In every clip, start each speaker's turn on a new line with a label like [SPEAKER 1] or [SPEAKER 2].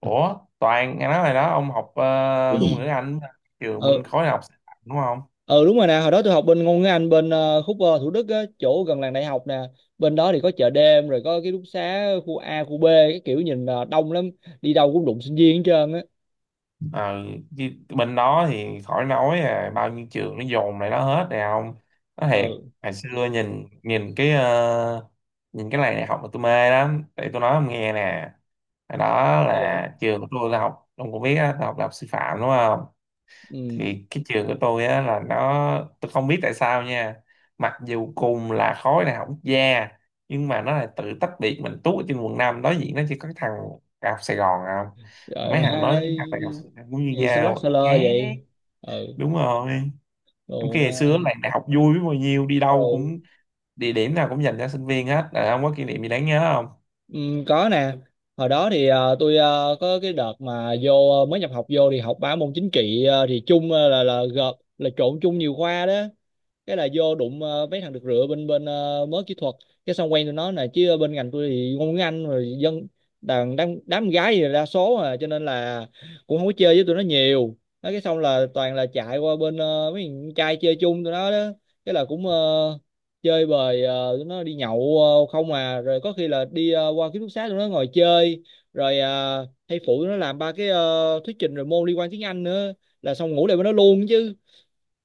[SPEAKER 1] Ủa, Toàn nghe nói rồi đó, ông học ngôn ngữ Anh trường mình
[SPEAKER 2] ừ
[SPEAKER 1] khối này học sư phạm đúng không?
[SPEAKER 2] ừ, đúng rồi nè, hồi đó tôi học bên ngôn ngữ Anh bên khúc Thủ Đức á, chỗ gần làng đại học nè. Bên đó thì có chợ đêm rồi có ký túc xá khu A khu B, cái kiểu nhìn đông lắm, đi đâu cũng đụng sinh viên hết trơn á.
[SPEAKER 1] Ờ, chứ bên đó thì khỏi nói à, bao nhiêu trường nó dồn lại đó hết nè ông. Nó thiệt,
[SPEAKER 2] Ừ.
[SPEAKER 1] hồi xưa nhìn nhìn cái nhìn cái này này học mà tôi mê lắm. Để tôi nói ông nghe nè. Hồi đó
[SPEAKER 2] Sao vậy?
[SPEAKER 1] là trường của tôi là học, ông cũng biết á, tôi học đại học sư phạm đúng không?
[SPEAKER 2] Ừ.
[SPEAKER 1] Thì cái trường của tôi á là nó tôi không biết tại sao nha, mặc dù cùng là khối đại học quốc gia nhưng mà nó lại tự tách biệt mình tú ở trên quận 5, đối diện nó chỉ có cái thằng đại học Sài Gòn không.
[SPEAKER 2] Rồi
[SPEAKER 1] Mấy
[SPEAKER 2] mà
[SPEAKER 1] thằng đó với
[SPEAKER 2] hai
[SPEAKER 1] thằng đại học Sài Gòn cũng như
[SPEAKER 2] gì sao lắc sao
[SPEAKER 1] nhau
[SPEAKER 2] lơ
[SPEAKER 1] khác,
[SPEAKER 2] vậy? Ừ.
[SPEAKER 1] đúng rồi. Trong
[SPEAKER 2] Đồ
[SPEAKER 1] khi
[SPEAKER 2] mà.
[SPEAKER 1] ngày xưa là đại học vui biết bao nhiêu, đi đâu
[SPEAKER 2] Ừ.
[SPEAKER 1] cũng địa điểm nào cũng dành cho sinh viên hết. Ờ, ông có kỷ niệm gì đáng nhớ?
[SPEAKER 2] Ừ, có nè. Hồi đó thì tôi có cái đợt mà vô mới nhập học vô thì học ba môn chính trị thì chung, là gộp là trộn chung nhiều khoa đó. Cái là vô đụng mấy thằng được rửa bên bên mớ kỹ thuật, cái xong quen tụi nó nè. Chứ bên ngành tôi thì ngôn ngữ Anh rồi dân đàn đám, đám gái thì đa số à, cho nên là cũng không có chơi với tụi nó nhiều. Nói cái xong là toàn là chạy qua bên mấy thằng trai chơi chung tụi nó đó, cái là cũng chơi bời tụi nó đi nhậu, không à, rồi có khi là đi qua ký túc xá tụi nó ngồi chơi, rồi hay phụ tụi nó làm ba cái thuyết trình rồi môn liên quan tiếng Anh nữa, là xong ngủ lại với nó luôn chứ.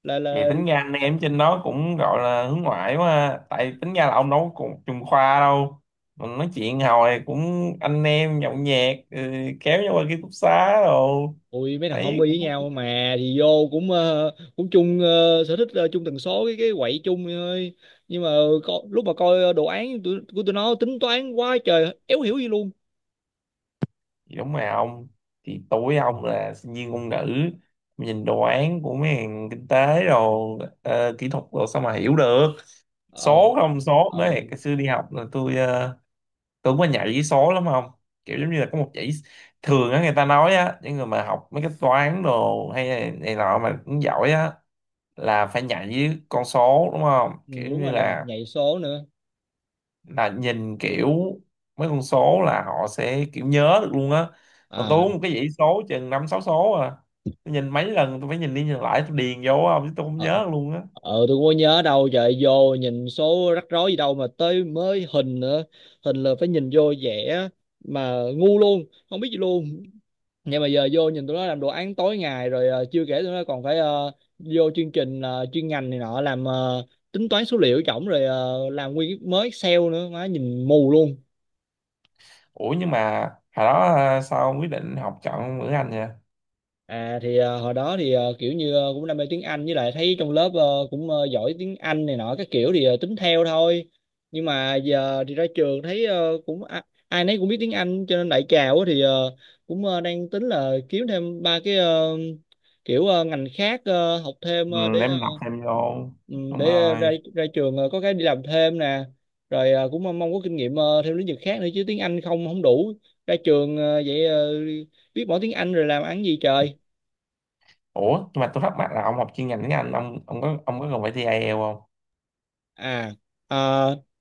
[SPEAKER 1] Vậy
[SPEAKER 2] Là
[SPEAKER 1] tính ra anh em trên đó cũng gọi là hướng ngoại quá ha. Tại tính ra là ông đâu có cùng chung khoa đâu. Mình nói chuyện hồi cũng anh em nhậu nhẹt, ừ, kéo nhau qua ký túc xá rồi.
[SPEAKER 2] Ui mấy thằng homie
[SPEAKER 1] Thấy
[SPEAKER 2] với
[SPEAKER 1] cũng-
[SPEAKER 2] nhau mà thì vô cũng cũng chung sở thích, chung tần số, cái quậy chung vậy thôi. Nhưng mà lúc mà coi đồ án của tụi nó tính toán quá trời éo hiểu gì luôn.
[SPEAKER 1] thì đúng mà ông. Thì tuổi ông là sinh viên ngôn ngữ. Nhìn đồ án của mấy hàng kinh tế rồi kỹ thuật rồi sao mà hiểu được.
[SPEAKER 2] Ờ.
[SPEAKER 1] Số không số
[SPEAKER 2] Ờ.
[SPEAKER 1] nữa thì cái xưa đi học là tôi tưởng mà nhạy với số lắm không, kiểu giống như là có một dãy thường á, người ta nói á những người mà học mấy cái toán đồ hay này, này nọ mà cũng giỏi á là phải nhạy với con số đúng không,
[SPEAKER 2] Ừ,
[SPEAKER 1] kiểu
[SPEAKER 2] đúng
[SPEAKER 1] như
[SPEAKER 2] rồi nè, nhảy số nữa.
[SPEAKER 1] là nhìn kiểu mấy con số là họ sẽ kiểu nhớ được luôn á.
[SPEAKER 2] À.
[SPEAKER 1] Còn tôi uống một cái dãy số chừng năm sáu số à, tôi nhìn mấy lần, tôi phải nhìn đi nhìn lại tôi điền vô không, chứ tôi không
[SPEAKER 2] Ờ.
[SPEAKER 1] nhớ luôn á.
[SPEAKER 2] Ờ, tôi cũng có nhớ đâu trời, vô nhìn số rắc rối gì đâu, mà tới mới hình nữa. Hình là phải nhìn vô vẽ mà ngu luôn, không biết gì luôn. Nhưng mà giờ vô nhìn tụi nó làm đồ án tối ngày, rồi chưa kể tụi nó còn phải vô chương trình chuyên ngành này nọ, làm tính toán số liệu chổng, rồi làm nguyên cái mới Excel nữa, má nhìn mù luôn.
[SPEAKER 1] Ủa nhưng mà hồi đó à, sao ông quyết định học chọn ngữ Anh vậy?
[SPEAKER 2] À thì hồi đó thì kiểu như cũng đam mê tiếng Anh, với lại thấy trong lớp cũng giỏi tiếng Anh này nọ các kiểu, thì tính theo thôi. Nhưng mà giờ thì ra trường thấy cũng ai nấy cũng biết tiếng Anh, cho nên đại trà quá thì cũng đang tính là kiếm thêm ba cái kiểu ngành khác học thêm
[SPEAKER 1] Ừ,
[SPEAKER 2] để
[SPEAKER 1] để mình học thêm vô.
[SPEAKER 2] ừ,
[SPEAKER 1] Đúng
[SPEAKER 2] để ra
[SPEAKER 1] rồi.
[SPEAKER 2] ra trường có cái đi làm thêm nè. Rồi cũng mong mong có kinh nghiệm thêm lĩnh vực khác nữa, chứ tiếng Anh không không đủ, ra trường vậy biết mỗi tiếng Anh rồi làm ăn gì trời.
[SPEAKER 1] Ủa nhưng mà tôi thắc mắc là ông học chuyên ngành tiếng Anh, ông có ông có cần phải thi IELTS không?
[SPEAKER 2] À. ờ,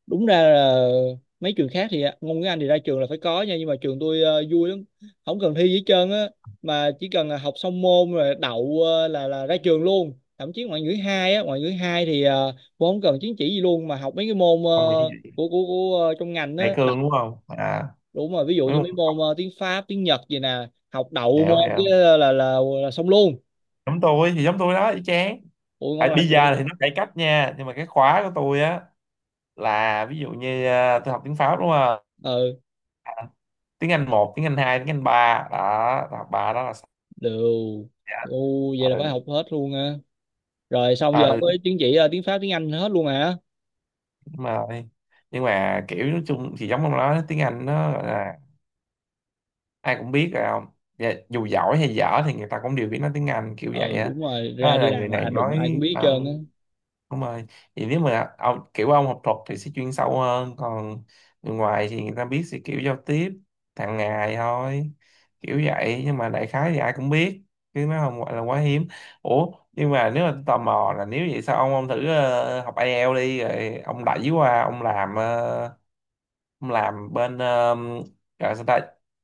[SPEAKER 2] Đúng ra là mấy trường khác thì ngôn ngữ Anh thì ra trường là phải có nha, nhưng mà trường tôi vui lắm, không cần thi gì hết trơn á, mà chỉ cần là học xong môn rồi đậu là ra trường luôn. Thậm chí ngoại ngữ hai á, ngoại ngữ hai thì cũng không cần chứng chỉ gì luôn, mà học mấy cái môn
[SPEAKER 1] Ông nghĩ gì?
[SPEAKER 2] của trong ngành
[SPEAKER 1] Đại
[SPEAKER 2] á đậu.
[SPEAKER 1] cương đúng không à?
[SPEAKER 2] Đúng rồi, ví dụ như
[SPEAKER 1] Đúng
[SPEAKER 2] mấy
[SPEAKER 1] không,
[SPEAKER 2] môn tiếng Pháp tiếng Nhật gì nè, học đậu
[SPEAKER 1] hiểu
[SPEAKER 2] môn cái
[SPEAKER 1] hiểu,
[SPEAKER 2] là là xong luôn.
[SPEAKER 1] giống tôi thì giống tôi đó y chang.
[SPEAKER 2] Ui ngon
[SPEAKER 1] À,
[SPEAKER 2] lành
[SPEAKER 1] bây
[SPEAKER 2] vậy.
[SPEAKER 1] giờ thì nó cải cách nha nhưng mà cái khóa của tôi á là ví dụ như à, tôi học tiếng Pháp đúng không,
[SPEAKER 2] Ừ.
[SPEAKER 1] tiếng Anh một tiếng Anh hai tiếng Anh ba đó, tôi học ba đó là sao?
[SPEAKER 2] Đều. U vậy là phải
[SPEAKER 1] Ừ,
[SPEAKER 2] học hết luôn ha. Rồi xong
[SPEAKER 1] à,
[SPEAKER 2] giờ
[SPEAKER 1] ừ,
[SPEAKER 2] với chứng chỉ tiếng Pháp tiếng Anh hết luôn hả.
[SPEAKER 1] đúng rồi. Nhưng mà kiểu nói chung thì giống ông nói tiếng Anh nó ai cũng biết rồi không. Dạ, dù giỏi hay dở thì người ta cũng đều biết nói tiếng Anh kiểu vậy
[SPEAKER 2] Ừ
[SPEAKER 1] á,
[SPEAKER 2] đúng rồi,
[SPEAKER 1] đó
[SPEAKER 2] ra đi
[SPEAKER 1] là người
[SPEAKER 2] làm mà,
[SPEAKER 1] này
[SPEAKER 2] à, đụng ai cũng
[SPEAKER 1] nói.
[SPEAKER 2] biết hết
[SPEAKER 1] Ờ,
[SPEAKER 2] trơn á.
[SPEAKER 1] đúng rồi. Thì nếu mà ông kiểu ông học thuật thì sẽ chuyên sâu hơn, còn người ngoài thì người ta biết sẽ kiểu giao tiếp hàng ngày thôi, kiểu vậy, nhưng mà đại khái thì ai cũng biết, chứ nó không gọi là quá hiếm. Ủa nhưng mà nếu mà tôi tò mò là nếu vậy sao ông thử học IELTS đi rồi ông đẩy qua ông làm ông làm bên gọi sao ta,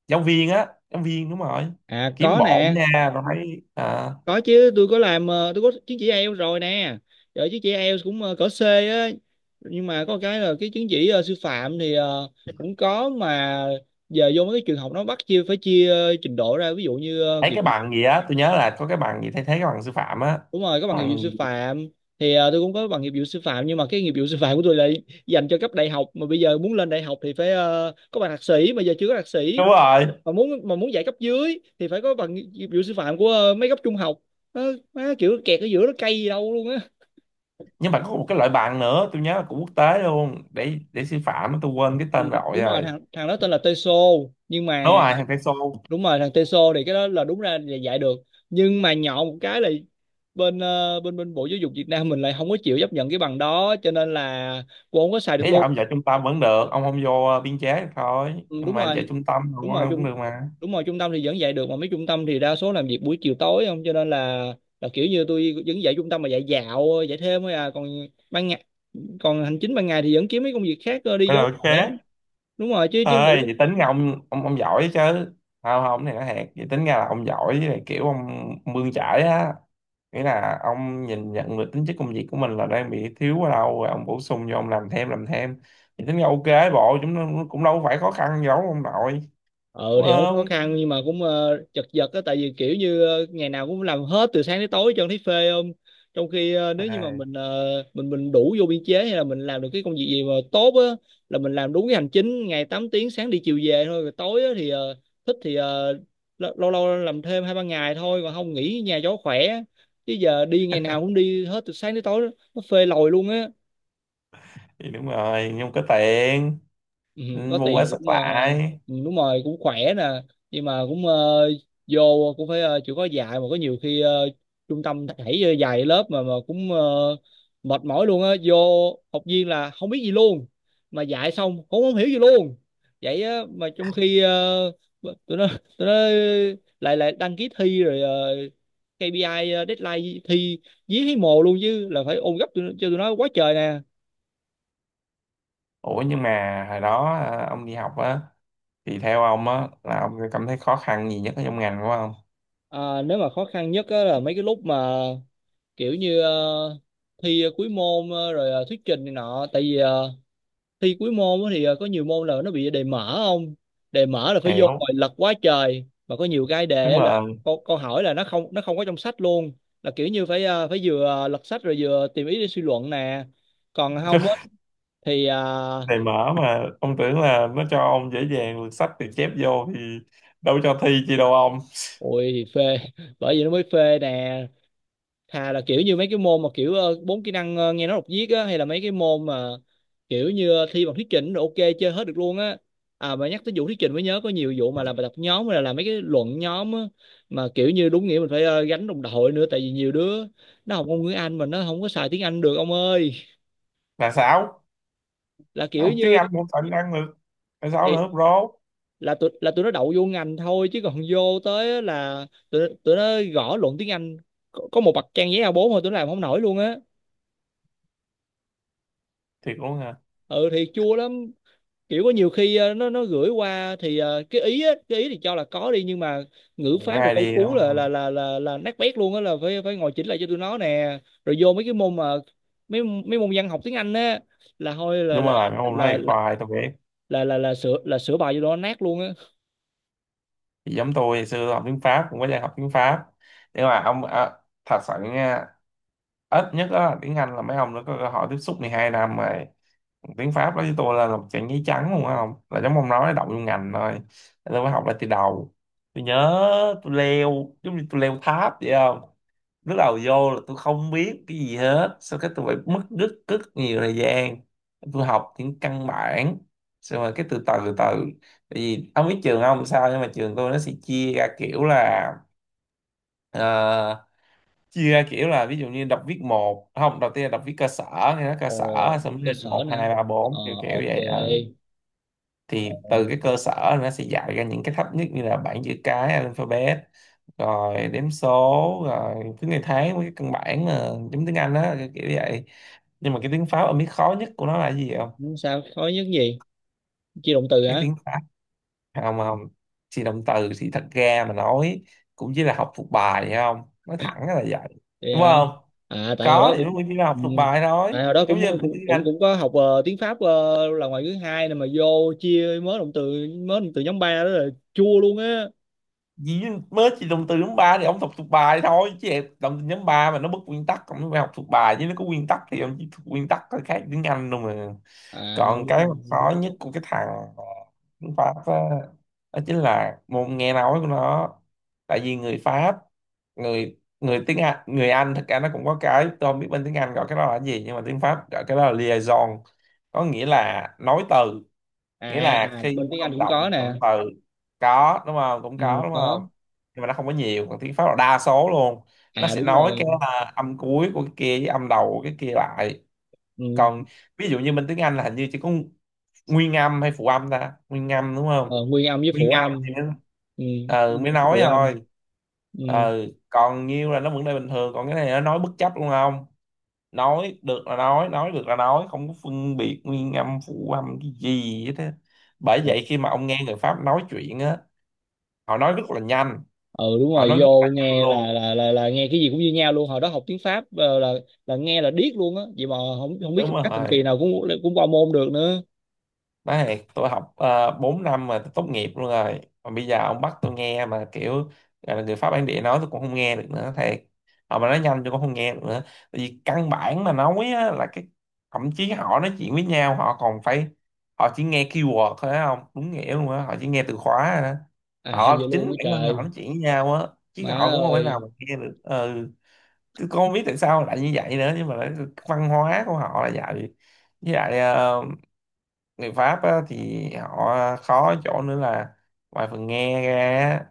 [SPEAKER 1] giáo viên á, giáo viên, đúng rồi,
[SPEAKER 2] À
[SPEAKER 1] kiếm
[SPEAKER 2] có
[SPEAKER 1] bộn
[SPEAKER 2] nè.
[SPEAKER 1] nha. Rồi thấy à,
[SPEAKER 2] Có chứ, tôi có làm tôi có chứng chỉ IELTS rồi nè. Rồi chứng chỉ IELTS cũng cỡ C á. Nhưng mà có cái là cái chứng chỉ sư phạm thì cũng có mà, giờ vô mấy cái trường học nó bắt chia, phải chia trình độ ra, ví dụ như
[SPEAKER 1] thấy
[SPEAKER 2] nghiệp.
[SPEAKER 1] cái bằng gì á, tôi nhớ là có cái bằng gì thay thế cái bằng sư phạm á,
[SPEAKER 2] Đúng rồi có bằng nghiệp vụ
[SPEAKER 1] bằng
[SPEAKER 2] sư
[SPEAKER 1] gì?
[SPEAKER 2] phạm. Thì tôi cũng có bằng nghiệp vụ sư phạm, nhưng mà cái nghiệp vụ sư phạm của tôi là dành cho cấp đại học, mà bây giờ muốn lên đại học thì phải có bằng thạc sĩ, mà giờ chưa có thạc sĩ.
[SPEAKER 1] Đúng rồi.
[SPEAKER 2] Mà muốn dạy cấp dưới thì phải có bằng nghiệp vụ sư phạm của mấy cấp trung học. nó, nó kiểu kẹt ở giữa, nó cay gì đâu luôn á.
[SPEAKER 1] Nhưng mà có một cái loại bằng nữa tôi nhớ là của quốc tế luôn để sư phạm á, tôi quên cái
[SPEAKER 2] Ừ,
[SPEAKER 1] tên rồi
[SPEAKER 2] đúng rồi,
[SPEAKER 1] rồi.
[SPEAKER 2] thằng thằng đó tên là Teso. Nhưng
[SPEAKER 1] Đúng
[SPEAKER 2] mà
[SPEAKER 1] rồi, hàng peso.
[SPEAKER 2] đúng rồi, thằng Teso thì cái đó là đúng ra là dạy được, nhưng mà nhọ một cái là bên bên bên Bộ Giáo dục Việt Nam mình lại không có chịu chấp nhận cái bằng đó, cho nên là cô không có xài được
[SPEAKER 1] Ý là
[SPEAKER 2] luôn.
[SPEAKER 1] ông dạy trung tâm vẫn được, ông không vô biên chế được thôi
[SPEAKER 2] Ừ,
[SPEAKER 1] nhưng
[SPEAKER 2] đúng
[SPEAKER 1] mà dạy
[SPEAKER 2] rồi.
[SPEAKER 1] trung tâm không
[SPEAKER 2] đúng rồi
[SPEAKER 1] cũng
[SPEAKER 2] trung
[SPEAKER 1] được mà,
[SPEAKER 2] Đúng rồi, trung tâm thì vẫn dạy được, mà mấy trung tâm thì đa số làm việc buổi chiều tối không, cho nên là kiểu như tôi vẫn dạy trung tâm mà dạy dạo dạy thêm thôi à. Còn ban ngày, còn hành chính ban ngày thì vẫn kiếm mấy công việc khác đi
[SPEAKER 1] vậy là
[SPEAKER 2] cho
[SPEAKER 1] ok.
[SPEAKER 2] khỏe. Đúng rồi chứ chứ nghĩ.
[SPEAKER 1] Ơi vậy tính ra ông giỏi chứ, không không này nó hẹt vậy, tính ra là ông giỏi, với lại kiểu ông bươn chải á, nghĩa là ông nhìn nhận được tính chất công việc của mình là đang bị thiếu ở đâu rồi ông bổ sung vô, ông làm thêm làm thêm, thì tính ra ok, bộ chúng nó cũng đâu phải khó khăn gì đâu ông nội,
[SPEAKER 2] Ờ
[SPEAKER 1] đúng
[SPEAKER 2] thì không có khó
[SPEAKER 1] không
[SPEAKER 2] khăn, nhưng mà cũng chật vật á, tại vì kiểu như ngày nào cũng làm hết từ sáng tới tối cho thấy phê không. Trong khi nếu như mà
[SPEAKER 1] à,
[SPEAKER 2] mình mình đủ vô biên chế, hay là mình làm được cái công việc gì mà tốt á, là mình làm đúng cái hành chính ngày 8 tiếng, sáng đi chiều về thôi, rồi tối á, thì thích thì lâu lâu làm thêm hai ba ngày thôi, còn không nghỉ nhà cho khỏe. Chứ giờ đi ngày nào cũng đi hết từ sáng tới tối, nó phê lòi luôn á.
[SPEAKER 1] thì đúng rồi nhưng có tiền.
[SPEAKER 2] Ừ.
[SPEAKER 1] Ừ,
[SPEAKER 2] Có
[SPEAKER 1] mua quá
[SPEAKER 2] tiền
[SPEAKER 1] sức
[SPEAKER 2] cũng
[SPEAKER 1] lại.
[SPEAKER 2] ừ, đúng rồi, cũng khỏe nè. Nhưng mà cũng vô cũng phải chịu khó dạy, mà có nhiều khi trung tâm thảy dạy lớp mà cũng mệt mỏi luôn á. Vô học viên là không biết gì luôn, mà dạy xong cũng không hiểu gì luôn vậy á. Mà trong khi ờ, tụi nó tụi nó lại lại đăng ký thi rồi KPI, deadline thi dí thấy mồ luôn, chứ là phải ôn gấp cho tụi nó quá trời nè.
[SPEAKER 1] Ủa nhưng mà hồi đó à, ông đi học á thì theo ông á là ông cảm thấy khó khăn gì nhất ở trong ngành của ông?
[SPEAKER 2] À, nếu mà khó khăn nhất á là mấy cái lúc mà kiểu như thi cuối môn rồi thuyết trình này nọ, tại vì thi cuối môn á thì có nhiều môn là nó bị đề mở không. Đề mở là phải vô ngồi
[SPEAKER 1] Hiểu,
[SPEAKER 2] lật quá trời, mà có nhiều cái đề
[SPEAKER 1] đúng
[SPEAKER 2] á là
[SPEAKER 1] rồi.
[SPEAKER 2] câu hỏi là nó không có trong sách luôn, là kiểu như phải phải vừa lật sách rồi vừa tìm ý để suy luận nè. Còn không á thì
[SPEAKER 1] Này mở mà ông tưởng là nó cho ông dễ dàng lượt sách thì chép vô thì đâu cho thi chi đâu ông.
[SPEAKER 2] ôi thì phê bởi vì nó mới phê nè. Thà là kiểu như mấy cái môn mà kiểu bốn kỹ năng nghe nói đọc viết á, hay là mấy cái môn mà kiểu như thi bằng thuyết trình rồi ok, chơi hết được luôn á. À mà nhắc tới vụ thuyết trình mới nhớ, có nhiều vụ mà làm bài tập nhóm, hay là làm mấy cái luận nhóm á, mà kiểu như đúng nghĩa mình phải gánh đồng đội nữa, tại vì nhiều đứa nó học ngôn ngữ Anh mà nó không có xài tiếng Anh được ông ơi.
[SPEAKER 1] Là sao?
[SPEAKER 2] Là kiểu
[SPEAKER 1] Ông tiếng
[SPEAKER 2] như
[SPEAKER 1] Anh cũng phải năng được là sáu
[SPEAKER 2] thì
[SPEAKER 1] nữa bro.
[SPEAKER 2] là tụi nó đậu vô ngành thôi, chứ còn vô tới á là tụi nó gõ luận tiếng Anh có một bậc trang giấy A4 thôi tụi nó làm không nổi luôn á.
[SPEAKER 1] Thì cũng hả,
[SPEAKER 2] Ừ thì chua lắm. Kiểu có nhiều khi nó gửi qua thì cái ý thì cho là có đi, nhưng mà ngữ pháp rồi
[SPEAKER 1] gai
[SPEAKER 2] câu
[SPEAKER 1] đi
[SPEAKER 2] cú
[SPEAKER 1] đúng
[SPEAKER 2] là là
[SPEAKER 1] không,
[SPEAKER 2] là là, là nát bét luôn á, là phải phải ngồi chỉnh lại cho tụi nó nè. Rồi vô mấy cái môn mà mấy mấy môn văn học tiếng Anh á là thôi
[SPEAKER 1] đúng rồi ông nói
[SPEAKER 2] là
[SPEAKER 1] thì
[SPEAKER 2] là
[SPEAKER 1] khoai tôi biết.
[SPEAKER 2] là sửa sửa bài cho tụi nó nát luôn á.
[SPEAKER 1] Thì giống tôi ngày xưa tôi học tiếng Pháp cũng có dạy học tiếng Pháp, nhưng mà ông à, thật sự nha, ít nhất đó là tiếng Anh là mấy ông nó có cơ hội tiếp xúc 12 năm rồi, tiếng Pháp đó với tôi là một trang giấy trắng luôn á, không là giống ông nói đậu vô ngành thôi. Nên tôi mới học lại từ đầu. Tôi nhớ tôi leo giống như tôi leo tháp vậy không, lúc đầu vô là tôi không biết cái gì hết, sau cái tôi phải mất rất rất nhiều thời gian, tôi học những căn bản xong rồi cái từ từ từ từ, tại vì ông biết trường ông sao, nhưng mà trường tôi nó sẽ chia ra kiểu là ờ, chia ra kiểu là ví dụ như đọc viết một, không, đầu tiên là đọc viết cơ sở, nghe nói cơ sở,
[SPEAKER 2] Ồ.
[SPEAKER 1] xong rồi
[SPEAKER 2] Cơ
[SPEAKER 1] lên
[SPEAKER 2] sở
[SPEAKER 1] một hai
[SPEAKER 2] nữa.
[SPEAKER 1] ba
[SPEAKER 2] Ờ.
[SPEAKER 1] bốn kiểu kiểu
[SPEAKER 2] Ok.
[SPEAKER 1] vậy. Ừ, thì từ cái
[SPEAKER 2] Ừ,
[SPEAKER 1] cơ sở nó sẽ dạy ra những cái thấp nhất như là bảng chữ cái alphabet, rồi đếm số, rồi thứ ngày tháng, với cái căn bản mà giống tiếng Anh á kiểu kiểu vậy. Nhưng mà cái tiếng Pháp ông biết khó nhất của nó là cái gì không?
[SPEAKER 2] sao khó nhất gì, chia động từ
[SPEAKER 1] Cái
[SPEAKER 2] hả?
[SPEAKER 1] tiếng Pháp, không không, thì động từ thì thật ra mà nói cũng chỉ là học thuộc bài hay không, nói thẳng là vậy,
[SPEAKER 2] Thì,
[SPEAKER 1] đúng
[SPEAKER 2] à,
[SPEAKER 1] không,
[SPEAKER 2] À, tại hồi đó
[SPEAKER 1] có thì nó
[SPEAKER 2] cũng,
[SPEAKER 1] cũng chỉ là học
[SPEAKER 2] ừ,
[SPEAKER 1] thuộc bài thôi,
[SPEAKER 2] tại hồi đó
[SPEAKER 1] giống
[SPEAKER 2] cũng
[SPEAKER 1] như mình tiếng
[SPEAKER 2] cũng cũng
[SPEAKER 1] Anh.
[SPEAKER 2] cũng có học tiếng Pháp là ngoại ngữ hai này, mà vô chia mới động từ, mới động từ nhóm ba đó là chua luôn á.
[SPEAKER 1] Gì, mới chỉ dùng từ nhóm ba thì ông học thuộc bài thôi chứ, đồng từ nhóm ba mà nó bất nguyên tắc ông phải học thuộc bài chứ, nó có nguyên tắc thì ông chỉ thuộc nguyên tắc thôi, khác tiếng Anh đâu mà.
[SPEAKER 2] À
[SPEAKER 1] Còn
[SPEAKER 2] đúng
[SPEAKER 1] cái
[SPEAKER 2] rồi.
[SPEAKER 1] mà khó nhất của cái thằng ờ, tiếng Pháp á, đó chính là môn nghe nói của nó. Tại vì người Pháp, người người tiếng Anh người Anh thật ra nó cũng có cái, tôi không biết bên tiếng Anh gọi cái đó là gì nhưng mà tiếng Pháp gọi cái đó là liaison, có nghĩa là nối từ, nghĩa
[SPEAKER 2] À.
[SPEAKER 1] là
[SPEAKER 2] À
[SPEAKER 1] khi
[SPEAKER 2] bên
[SPEAKER 1] mà
[SPEAKER 2] tiếng Anh
[SPEAKER 1] ông
[SPEAKER 2] cũng
[SPEAKER 1] đọc
[SPEAKER 2] có
[SPEAKER 1] một cụm
[SPEAKER 2] nè.
[SPEAKER 1] từ. Có đúng không, cũng
[SPEAKER 2] Ừ,
[SPEAKER 1] có đúng
[SPEAKER 2] có.
[SPEAKER 1] không. Nhưng mà nó không có nhiều, còn tiếng Pháp là đa số luôn, nó
[SPEAKER 2] À
[SPEAKER 1] sẽ
[SPEAKER 2] đúng
[SPEAKER 1] nói
[SPEAKER 2] rồi.
[SPEAKER 1] cái à, âm cuối của cái kia với âm đầu của cái kia lại.
[SPEAKER 2] Ừ.
[SPEAKER 1] Còn ví dụ như bên tiếng Anh là hình như chỉ có nguyên âm hay phụ âm ta, nguyên âm đúng không,
[SPEAKER 2] Ờ, nguyên âm với
[SPEAKER 1] nguyên
[SPEAKER 2] phụ
[SPEAKER 1] âm
[SPEAKER 2] âm.
[SPEAKER 1] thì mới,
[SPEAKER 2] Ừ. Nguyên
[SPEAKER 1] mới
[SPEAKER 2] âm với
[SPEAKER 1] nói
[SPEAKER 2] phụ âm.
[SPEAKER 1] thôi.
[SPEAKER 2] Ừ.
[SPEAKER 1] Ờ, còn nhiêu là nó vẫn đây bình thường, còn cái này nó nói bất chấp luôn không, nói được là nói được là nói, không có phân biệt nguyên âm phụ âm cái gì hết á. Bởi vậy khi mà ông nghe người Pháp nói chuyện á, họ nói rất là nhanh,
[SPEAKER 2] Ừ đúng
[SPEAKER 1] họ
[SPEAKER 2] rồi,
[SPEAKER 1] nói rất là
[SPEAKER 2] vô
[SPEAKER 1] nhanh
[SPEAKER 2] nghe
[SPEAKER 1] luôn,
[SPEAKER 2] là nghe cái gì cũng như nhau luôn. Hồi đó học tiếng Pháp là nghe là điếc luôn á, vậy mà không không biết
[SPEAKER 1] đúng
[SPEAKER 2] cách thần kỳ
[SPEAKER 1] rồi.
[SPEAKER 2] nào cũng cũng qua môn được nữa.
[SPEAKER 1] Đấy, tôi học 4 năm mà tôi tốt nghiệp luôn rồi. Mà bây giờ ông bắt tôi nghe mà kiểu gọi là người Pháp bản địa nói tôi cũng không nghe được nữa thiệt. Họ mà nói nhanh tôi cũng không nghe được nữa. Tại vì căn bản mà nói á, là cái thậm chí họ nói chuyện với nhau họ còn phải họ chỉ nghe keyword thôi á không? Đúng nghĩa luôn á, họ chỉ nghe từ khóa rồi đó.
[SPEAKER 2] À hay vậy
[SPEAKER 1] Họ chính
[SPEAKER 2] luôn á
[SPEAKER 1] bản thân họ
[SPEAKER 2] trời.
[SPEAKER 1] nói chuyện với nhau á chứ
[SPEAKER 2] Má
[SPEAKER 1] họ cũng không thể nào
[SPEAKER 2] ơi.
[SPEAKER 1] mà nghe được. Ừ, tôi không biết tại sao lại như vậy nữa nhưng mà lại- văn hóa của họ là vậy. Với lại người Pháp á, thì họ khó chỗ nữa là ngoài phần nghe ra á,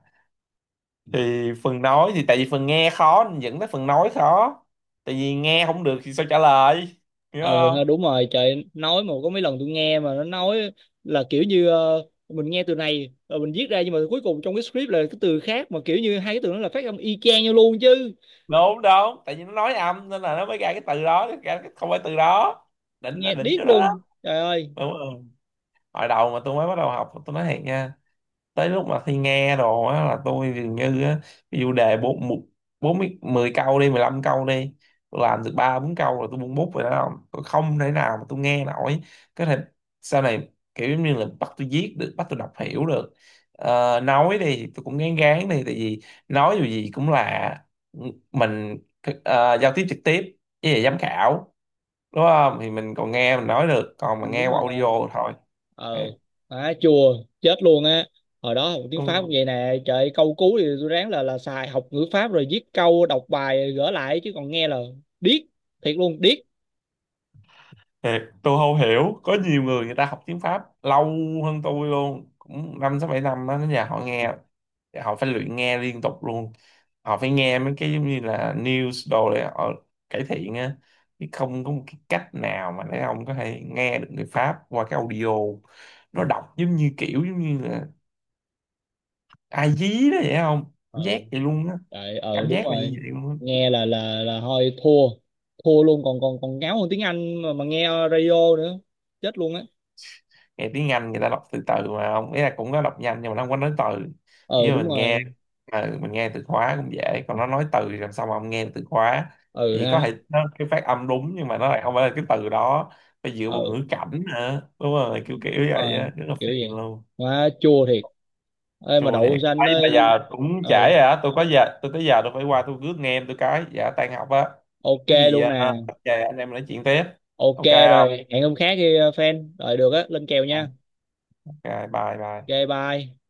[SPEAKER 1] thì phần nói thì tại vì phần nghe khó nên dẫn tới phần nói khó, tại vì nghe không được thì sao trả lời, hiểu
[SPEAKER 2] Ờ ha,
[SPEAKER 1] không.
[SPEAKER 2] đúng rồi trời. Nói mà có mấy lần tôi nghe mà nó nói, là kiểu như mình nghe từ này rồi mình viết ra, nhưng mà cuối cùng trong cái script là cái từ khác, mà kiểu như hai cái từ nó là phát âm y chang nhau luôn chứ.
[SPEAKER 1] Đúng đúng, tại vì nó nói âm nên là nó mới ra cái từ đó ra, cái không phải từ đó, đỉnh là
[SPEAKER 2] Nghe
[SPEAKER 1] đỉnh
[SPEAKER 2] điếc
[SPEAKER 1] chỗ đó đó.
[SPEAKER 2] luôn trời ơi.
[SPEAKER 1] Đúng rồi, hồi đầu mà tôi mới bắt đầu học tôi nói thiệt nha, tới lúc mà thi nghe đồ á là tôi dường như á, ví dụ đề bốn một- bốn mươi mười câu đi, 15 câu đi, tôi làm được ba bốn câu rồi tôi buông bút rồi đó không, tôi không thể nào mà tôi nghe nổi. Có thể sau này kiểu giống như là bắt tôi viết được, bắt tôi đọc hiểu được. Ờ, nói đi thì tôi cũng gán gán đi, tại vì nói dù gì cũng là mình giao tiếp trực tiếp với lại giám khảo đúng không, thì mình còn nghe mình nói được, còn
[SPEAKER 2] Ừ,
[SPEAKER 1] mà nghe
[SPEAKER 2] đúng
[SPEAKER 1] qua
[SPEAKER 2] rồi nè.
[SPEAKER 1] audio thôi.
[SPEAKER 2] Ờ.
[SPEAKER 1] Thì
[SPEAKER 2] Má chùa chết luôn á. Hồi đó học tiếng Pháp cũng vậy nè trời, câu cú thì tôi ráng là xài học ngữ Pháp, rồi viết câu đọc bài gỡ lại, chứ còn nghe là điếc, thiệt luôn điếc.
[SPEAKER 1] thiệt, tôi không hiểu có nhiều người người ta học tiếng Pháp lâu hơn tôi luôn cũng năm sáu bảy năm á nhà họ nghe, họ phải luyện nghe liên tục luôn, họ phải nghe mấy cái giống như là news đồ để họ cải thiện á, chứ không có một cái cách nào mà để ông có thể nghe được người Pháp qua cái audio, nó đọc giống như kiểu giống như là ai dí đó vậy không,
[SPEAKER 2] Ờ.
[SPEAKER 1] cảm giác vậy luôn á,
[SPEAKER 2] Đấy, ừ
[SPEAKER 1] cảm
[SPEAKER 2] đúng
[SPEAKER 1] giác là như
[SPEAKER 2] rồi.
[SPEAKER 1] vậy luôn á.
[SPEAKER 2] Nghe là thôi thua, thua luôn, còn còn còn ngáo hơn tiếng Anh mà nghe radio nữa chết luôn á.
[SPEAKER 1] Nghe tiếng Anh người ta đọc từ từ mà ông ý là cũng có đọc nhanh nhưng mà nó không có nói từ
[SPEAKER 2] Ừ
[SPEAKER 1] như
[SPEAKER 2] đúng
[SPEAKER 1] mình nghe.
[SPEAKER 2] rồi.
[SPEAKER 1] Ừ, mình nghe từ khóa cũng dễ, còn nó nói từ thì làm sao mà ông nghe được từ khóa,
[SPEAKER 2] Ừ
[SPEAKER 1] thì có
[SPEAKER 2] ha.
[SPEAKER 1] thể nó cái phát âm đúng nhưng mà nó lại không phải là cái từ đó, phải dựa vào
[SPEAKER 2] Ừ
[SPEAKER 1] ngữ cảnh nữa, đúng rồi kiểu kiểu
[SPEAKER 2] đúng
[SPEAKER 1] vậy
[SPEAKER 2] rồi.
[SPEAKER 1] á, rất là
[SPEAKER 2] Kiểu
[SPEAKER 1] phiền
[SPEAKER 2] vậy.
[SPEAKER 1] luôn.
[SPEAKER 2] Quá chua thiệt. Ê mà
[SPEAKER 1] Chua thiệt
[SPEAKER 2] đậu xanh
[SPEAKER 1] ấy mà
[SPEAKER 2] ấy.
[SPEAKER 1] giờ cũng
[SPEAKER 2] Ừ.
[SPEAKER 1] trễ rồi á, tôi có giờ tôi tới giờ tôi phải qua tôi rước nghe em tôi cái dạ tan học á.
[SPEAKER 2] Ok
[SPEAKER 1] Có gì
[SPEAKER 2] luôn nè.
[SPEAKER 1] về anh em nói chuyện tiếp,
[SPEAKER 2] Ok.
[SPEAKER 1] ok không?
[SPEAKER 2] Rồi hẹn hôm khác đi fan rồi được á, lên kèo
[SPEAKER 1] À,
[SPEAKER 2] nha.
[SPEAKER 1] ok, bye bye.
[SPEAKER 2] Ok bye.